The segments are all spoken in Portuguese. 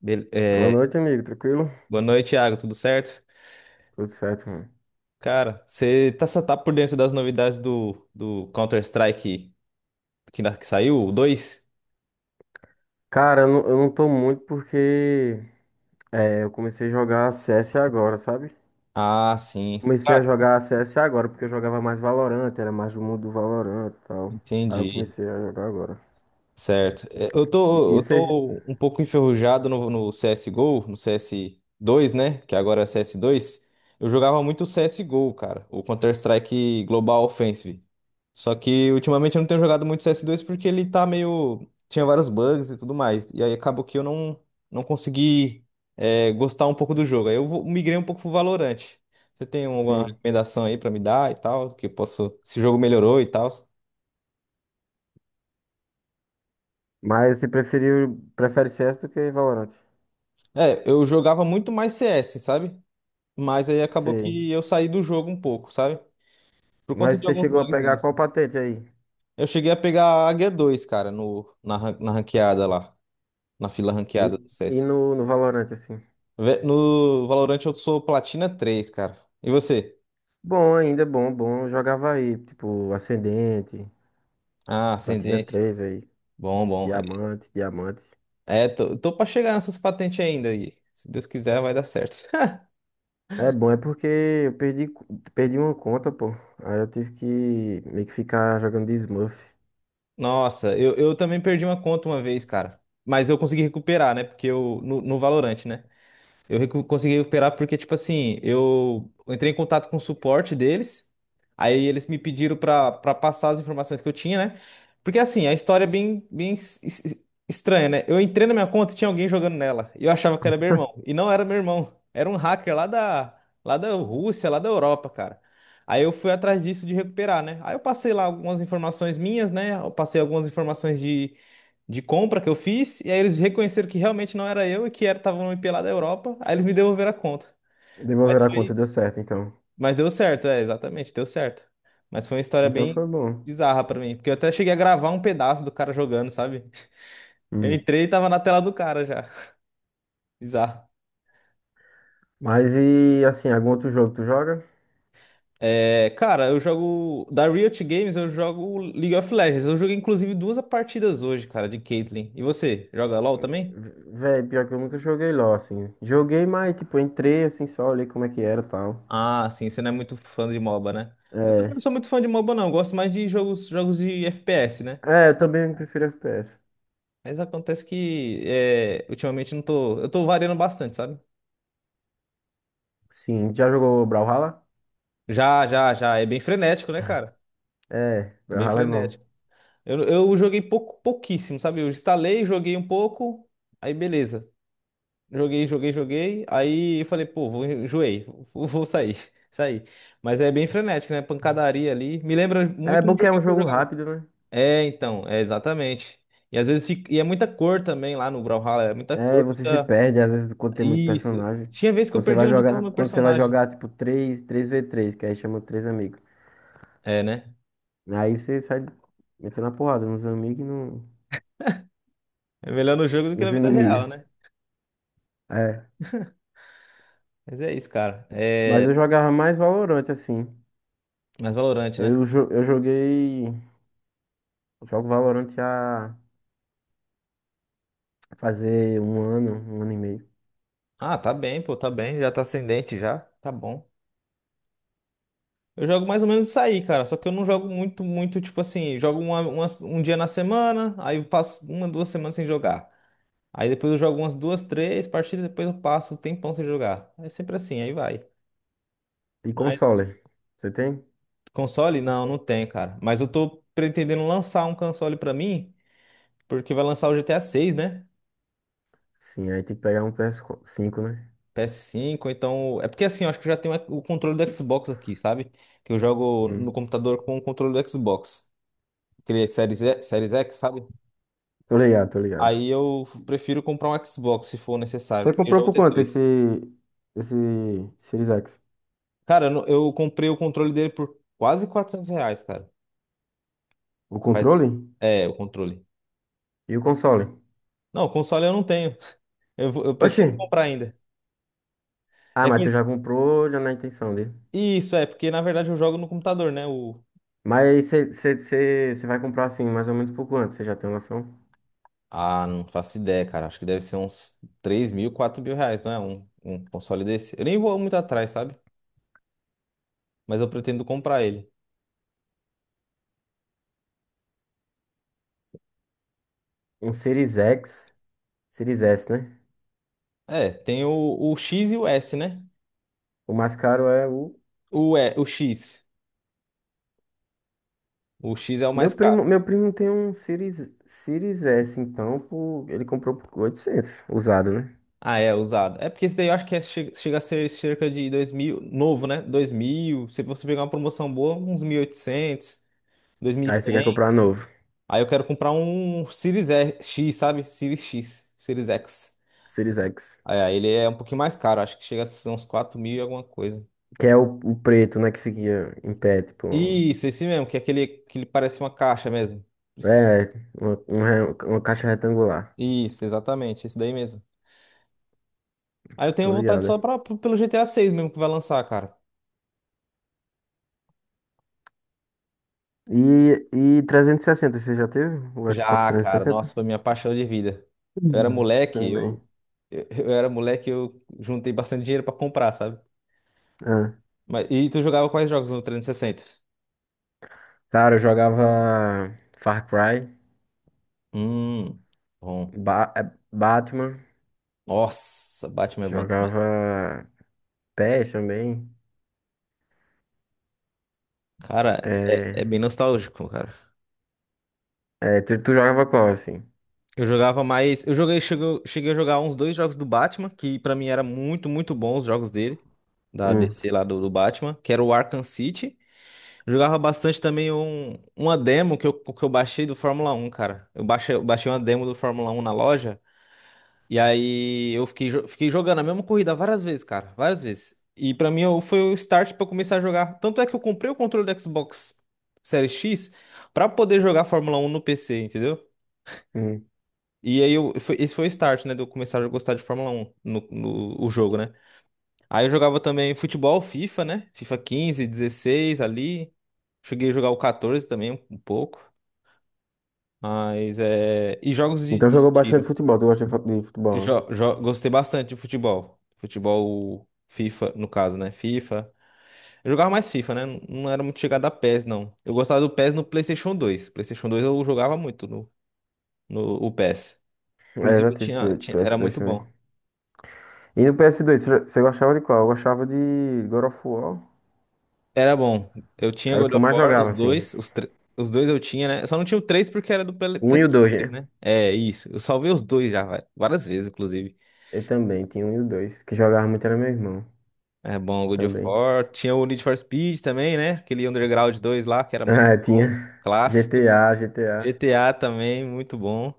Bel- Boa é, noite, amigo. Tranquilo? Boa noite, Thiago. Tudo certo? Tudo certo, mano. Cara, você tá por dentro das novidades do Counter-Strike que saiu, o dois? Cara, eu não tô muito porque eu comecei a jogar CS agora, sabe? Ah, sim. Comecei a Cara, jogar CS agora porque eu jogava mais Valorant, era mais do mundo do Valorant e tal. Aí eu entendi. comecei a jogar agora. Certo. Eu E, tô, e eu você. tô um pouco enferrujado no CSGO, no cs dois, né? Que agora é cs dois. Eu jogava muito C S G o CSGO, cara. O Counter-Strike Global Offensive. Só que ultimamente eu não tenho jogado muito cs dois porque ele tá meio. Tinha vários bugs e tudo mais. E aí acabou que eu não consegui gostar um pouco do jogo. Aí eu migrei um pouco pro Valorant. Você tem alguma hum, recomendação aí pra me dar e tal? Que eu posso. Se o jogo melhorou e tal. Mas você prefere CS do que Valorant? Eu jogava muito mais CS, sabe? Mas aí acabou Sei. que eu saí do jogo um pouco, sabe? Por conta Mas de você alguns chegou a pegar bugzinhos. qual patente aí? Eu cheguei a pegar a Águia 2, cara, no, na, ran- na ranqueada lá. Na fila E, ranqueada do e CS. no Valorant, assim? No Valorant eu sou Platina 3, cara. E você? Bom, ainda é bom, bom. Eu jogava aí, tipo, Ascendente, Ah, Platina ascendente. 3 aí. Bom, bom. Diamante, diamantes. Tô pra chegar nessas patentes ainda aí. Se Deus quiser, vai dar certo. É bom, é porque eu perdi uma conta, pô. Aí eu tive que meio que ficar jogando de Smurf. Nossa, eu também perdi uma conta uma vez, cara. Mas eu consegui recuperar, né? Porque eu. No Valorant, né? Eu consegui recuperar porque, tipo assim, eu entrei em contato com o suporte deles, aí eles me pediram pra para passar as informações que eu tinha, né? Porque, assim, a história é bem, bem estranha, né? Eu entrei na minha conta e tinha alguém jogando nela, e eu achava que era meu irmão, e não era meu irmão, era um hacker lá da Rússia, lá da Europa, cara. Aí eu fui atrás disso de recuperar, né? Aí eu passei lá algumas informações minhas, né? Eu passei algumas informações de compra que eu fiz, e aí eles reconheceram que realmente não era eu e que era estavam me pela da Europa, aí eles me devolveram a conta. Mas Devolver a conta foi, deu certo, então. mas deu certo, é, exatamente, deu certo. Mas foi uma história Então bem foi bom. bizarra pra mim, porque eu até cheguei a gravar um pedaço do cara jogando, sabe? Eu Hum. entrei e tava na tela do cara já. Bizarro. Mas e assim, algum outro jogo tu joga? Cara, eu jogo da Riot Games, eu jogo League of Legends. Eu joguei inclusive duas partidas hoje, cara, de Caitlyn. E você, joga LoL também? V- Véi, pior que eu nunca joguei LOL, assim. Joguei, mas tipo, entrei assim só, olhei como é que era e tal. Ah, sim, você não é muito fã de MOBA, né? Eu também É. não sou muito fã de MOBA, não. Eu gosto mais de jogos de FPS, né? É, eu também prefiro FPS. Mas acontece que ultimamente não tô. Eu tô variando bastante, sabe? Sim, já jogou Brawlhalla? Já, já, já. É bem frenético, né, cara? É, É bem Brawlhalla é bom. frenético. Eu joguei pouco, pouquíssimo, sabe? Eu instalei, joguei um pouco, aí beleza. Joguei, joguei, joguei. Aí eu falei, pô, enjoei, vou sair, sair. Mas é bem frenético, né? Pancadaria ali. Me lembra É muito um bom que é um joguinho que eu jogo jogava. rápido, né? É, então, é exatamente. E às vezes fica, e é muita cor também lá no Brawlhalla, é muita É, e cor, você se muita. perde, às vezes, quando tem muito Isso. personagem. Tinha vez que eu perdi onde estava meu Quando você vai personagem. jogar, tipo, 3v3, que aí chama três amigos. É, né? Aí você sai metendo a porrada nos amigos e no, É melhor no jogo do que na nos vida real, inimigos. né? É. Mas é isso, cara. Mas É eu jogava mais Valorant, assim. mais valorante, né? Eu joguei. Jogo Valorant há fazer um ano e meio. Ah, tá bem, pô, tá bem. Já tá ascendente já. Tá bom. Eu jogo mais ou menos isso aí, cara. Só que eu não jogo muito, muito, tipo assim, jogo um dia na semana, aí eu passo uma, 2 semanas sem jogar. Aí depois eu jogo umas duas, três partidas, depois eu passo o tempão sem jogar. É sempre assim, aí vai. E Mas console? Você tem? Console? Não, não tem, cara. Mas eu tô pretendendo lançar um console pra mim, porque vai lançar o GTA 6, né? Sim, aí tem que pegar um PS5, né? PS5, então. É porque assim, eu acho que eu já tenho o controle do Xbox aqui, sabe? Que eu jogo no Hum. computador com o controle do Xbox. Aquele Series, Series X, sabe? Tô ligado, tô ligado. Aí eu prefiro comprar um Xbox se for necessário, Você porque eu já comprou vou por ter quanto dois. esse Series X? Cara, eu não- eu comprei o controle dele por quase R$ 400, cara. O Mas. controle? É, o controle. E o console? Não, o console eu não tenho. Eu Oxi! pretendo comprar ainda. Ah, É mas que tu já comprou já na intenção dele. Isso, porque na verdade eu jogo no computador, né? O... Mas você vai comprar assim, mais ou menos por quanto? Você já tem uma noção? Ah, não faço ideia, cara. Acho que deve ser uns 3.000, R$ 4.000, não é? Um console desse. Eu nem vou muito atrás, sabe? Mas eu pretendo comprar ele. Um Series X, Series S, né? É, tem o X e o S, né? O mais caro é o. O X. O X é o Meu mais caro. primo, meu primo tem um Series S, então ele comprou por 800 usado, né? Ah, é, usado. É porque esse daí eu acho que chega, a ser cerca de 2.000, novo, né? 2.000. Se você pegar uma promoção boa, uns mil oitocentos, dois mil e Aí você quer cem. comprar novo, Aí eu quero comprar um Series X, sabe? Series X, Series X. Series X. Aí, ele é um pouquinho mais caro, acho que chega a ser uns 4.000 e alguma coisa. Que é o preto, né? Que fica em pé, tipo. Isso, esse mesmo, que é aquele que ele parece uma caixa mesmo. É, uma caixa retangular. Isso, exatamente, esse daí mesmo. Aí eu tenho Tô vontade ligado. só pelo GTA 6 mesmo que vai lançar, cara. E, e 360, você já teve? O Xbox Já, cara, 360? nossa, foi minha paixão de vida. Eu era Hum. moleque, Também. Eu era moleque, eu juntei bastante dinheiro pra comprar, sabe? Ah. Mas, e tu jogava quais jogos no 360? Cara, eu jogava Far Cry, Hum, bom. Batman, Nossa, Batman é bom também. jogava PES também. Cara, é É, bem nostálgico, cara. Tu jogava qual, assim? Eu jogava mais. Eu joguei, cheguei a jogar uns dois jogos do Batman, que pra mim era muito, muito bons os jogos dele, da Hum, DC lá do Batman, que era o Arkham City. Eu jogava bastante também uma demo que eu baixei do Fórmula Um, cara. Eu baixei uma demo do Fórmula Um na loja, e aí eu fiquei jogando a mesma corrida várias vezes, cara, várias vezes. E pra mim foi o start pra eu começar a jogar. Tanto é que eu comprei o controle do Xbox Series X pra poder jogar Fórmula Um no PC, entendeu? hum. E aí, esse foi o start, né, de eu começar a gostar de Fórmula 1, o jogo, né? Aí eu jogava também futebol, FIFA, né? FIFA 15, 16 ali. Cheguei a jogar o 14 também, um pouco. Mas é. E jogos de Então de jogou bastante tiro. futebol, tu gosta de futebol, né? Gostei bastante de futebol. Futebol FIFA, no caso, né? FIFA. Eu jogava mais FIFA, né? Não era muito chegada a PES, não. Eu gostava do PES no PlayStation 2. PlayStation 2 eu jogava muito no, no o PES. É, eu Inclusive, já tive era PS2 muito também. bom. E no ps dois você gostava de qual? Eu gostava de God of War. Era bom. Eu tinha Era o God que eu of mais War, jogava, os assim. dois, os dois eu tinha, né? Eu só não tinha o 3 porque era do Um e o PlayStation dois, 3, né? né? É, isso. Eu salvei os dois já, várias vezes, inclusive. Eu também tinha um e o dois. Que jogava muito era meu irmão É bom, God of também. War. Tinha o Need for Speed também, né? Aquele Underground dois lá, que era muito Ah, tinha bom. Clássico. GTA, GTA. GTA também, muito bom.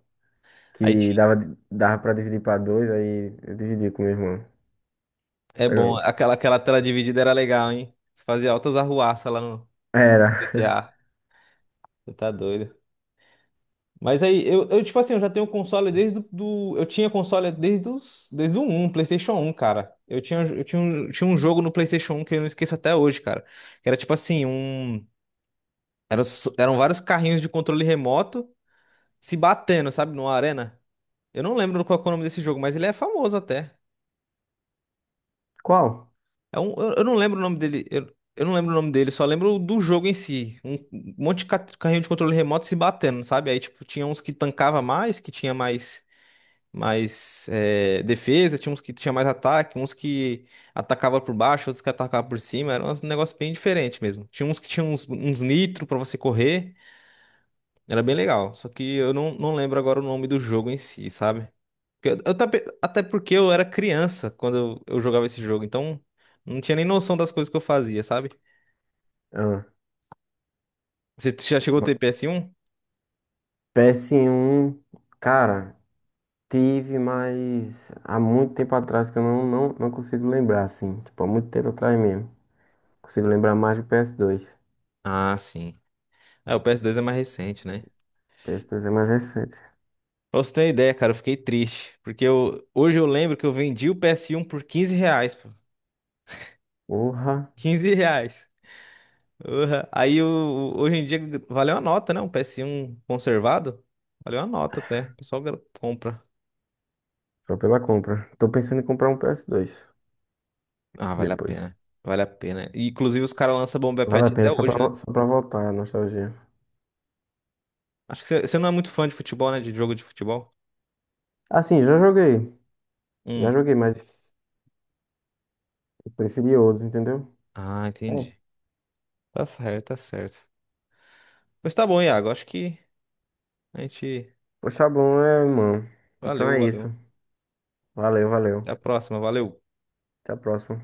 Aí Que tinha. dava pra dividir pra dois, aí eu dividi com meu irmão. É Era bom. louco. Aquela tela dividida era legal, hein? Você fazia altas arruaças lá no Era. GTA. Você tá doido. Mas aí, tipo assim, eu já tenho console desde eu tinha console desde o um PlayStation um cara. Um, tinha um jogo no PlayStation um que eu não esqueço até hoje, cara. Que era tipo assim, um, eram vários carrinhos de controle remoto se batendo, sabe, numa arena. Eu não lembro qual é o nome desse jogo, mas ele é famoso até. Qual? Eu não lembro o nome dele, eu não lembro o nome dele, só lembro do jogo em si. Um monte de carrinho de controle remoto se batendo, sabe? Aí, tipo, tinha uns que tancava mais, que tinha mais defesa, tinha uns que tinha mais ataque, uns que atacava por baixo, outros que atacava por cima, era um negócio bem diferente mesmo. Tinha uns que tinha uns nitro pra você correr, era bem legal, só que eu não lembro agora o nome do jogo em si, sabe? Porque até porque eu era criança quando eu jogava esse jogo, então não tinha nem noção das coisas que eu fazia, sabe? Ah, Você já chegou a uma- ter PS1? PS1, cara, tive, mas há muito tempo atrás que eu não consigo lembrar, assim. Tipo, há muito tempo atrás mesmo. Consigo lembrar mais do PS2. Ps dois Ah, sim. Ah, o PS2 é mais recente, né? PS2 é mais recente. Pra você ter uma ideia, cara, eu fiquei triste. Porque hoje eu lembro que eu vendi o PS1 por 15 reais, pô. Porra, R$ 15. Urra. Aí hoje em dia valeu a nota, né? Um PS1 conservado. Valeu a nota até. O pessoal compra. só pela compra. Tô pensando em comprar um PS2 Ah, vale a depois. pena. Vale a pena. E, inclusive os caras lançam Bomba Vale Patch a pena até hoje, né? Só pra voltar a nostalgia. Acho que você não é muito fã de futebol, né? De jogo de futebol. Assim, já joguei. Já Hum. joguei, mas eu preferi outros, entendeu? Ah, É. entendi. Tá certo, tá certo. Pois tá bom, Iago. Acho que a gente. Poxa, bom, mano. Então Valeu, é valeu. isso. Valeu, valeu. Até a próxima. Valeu. Até a próxima.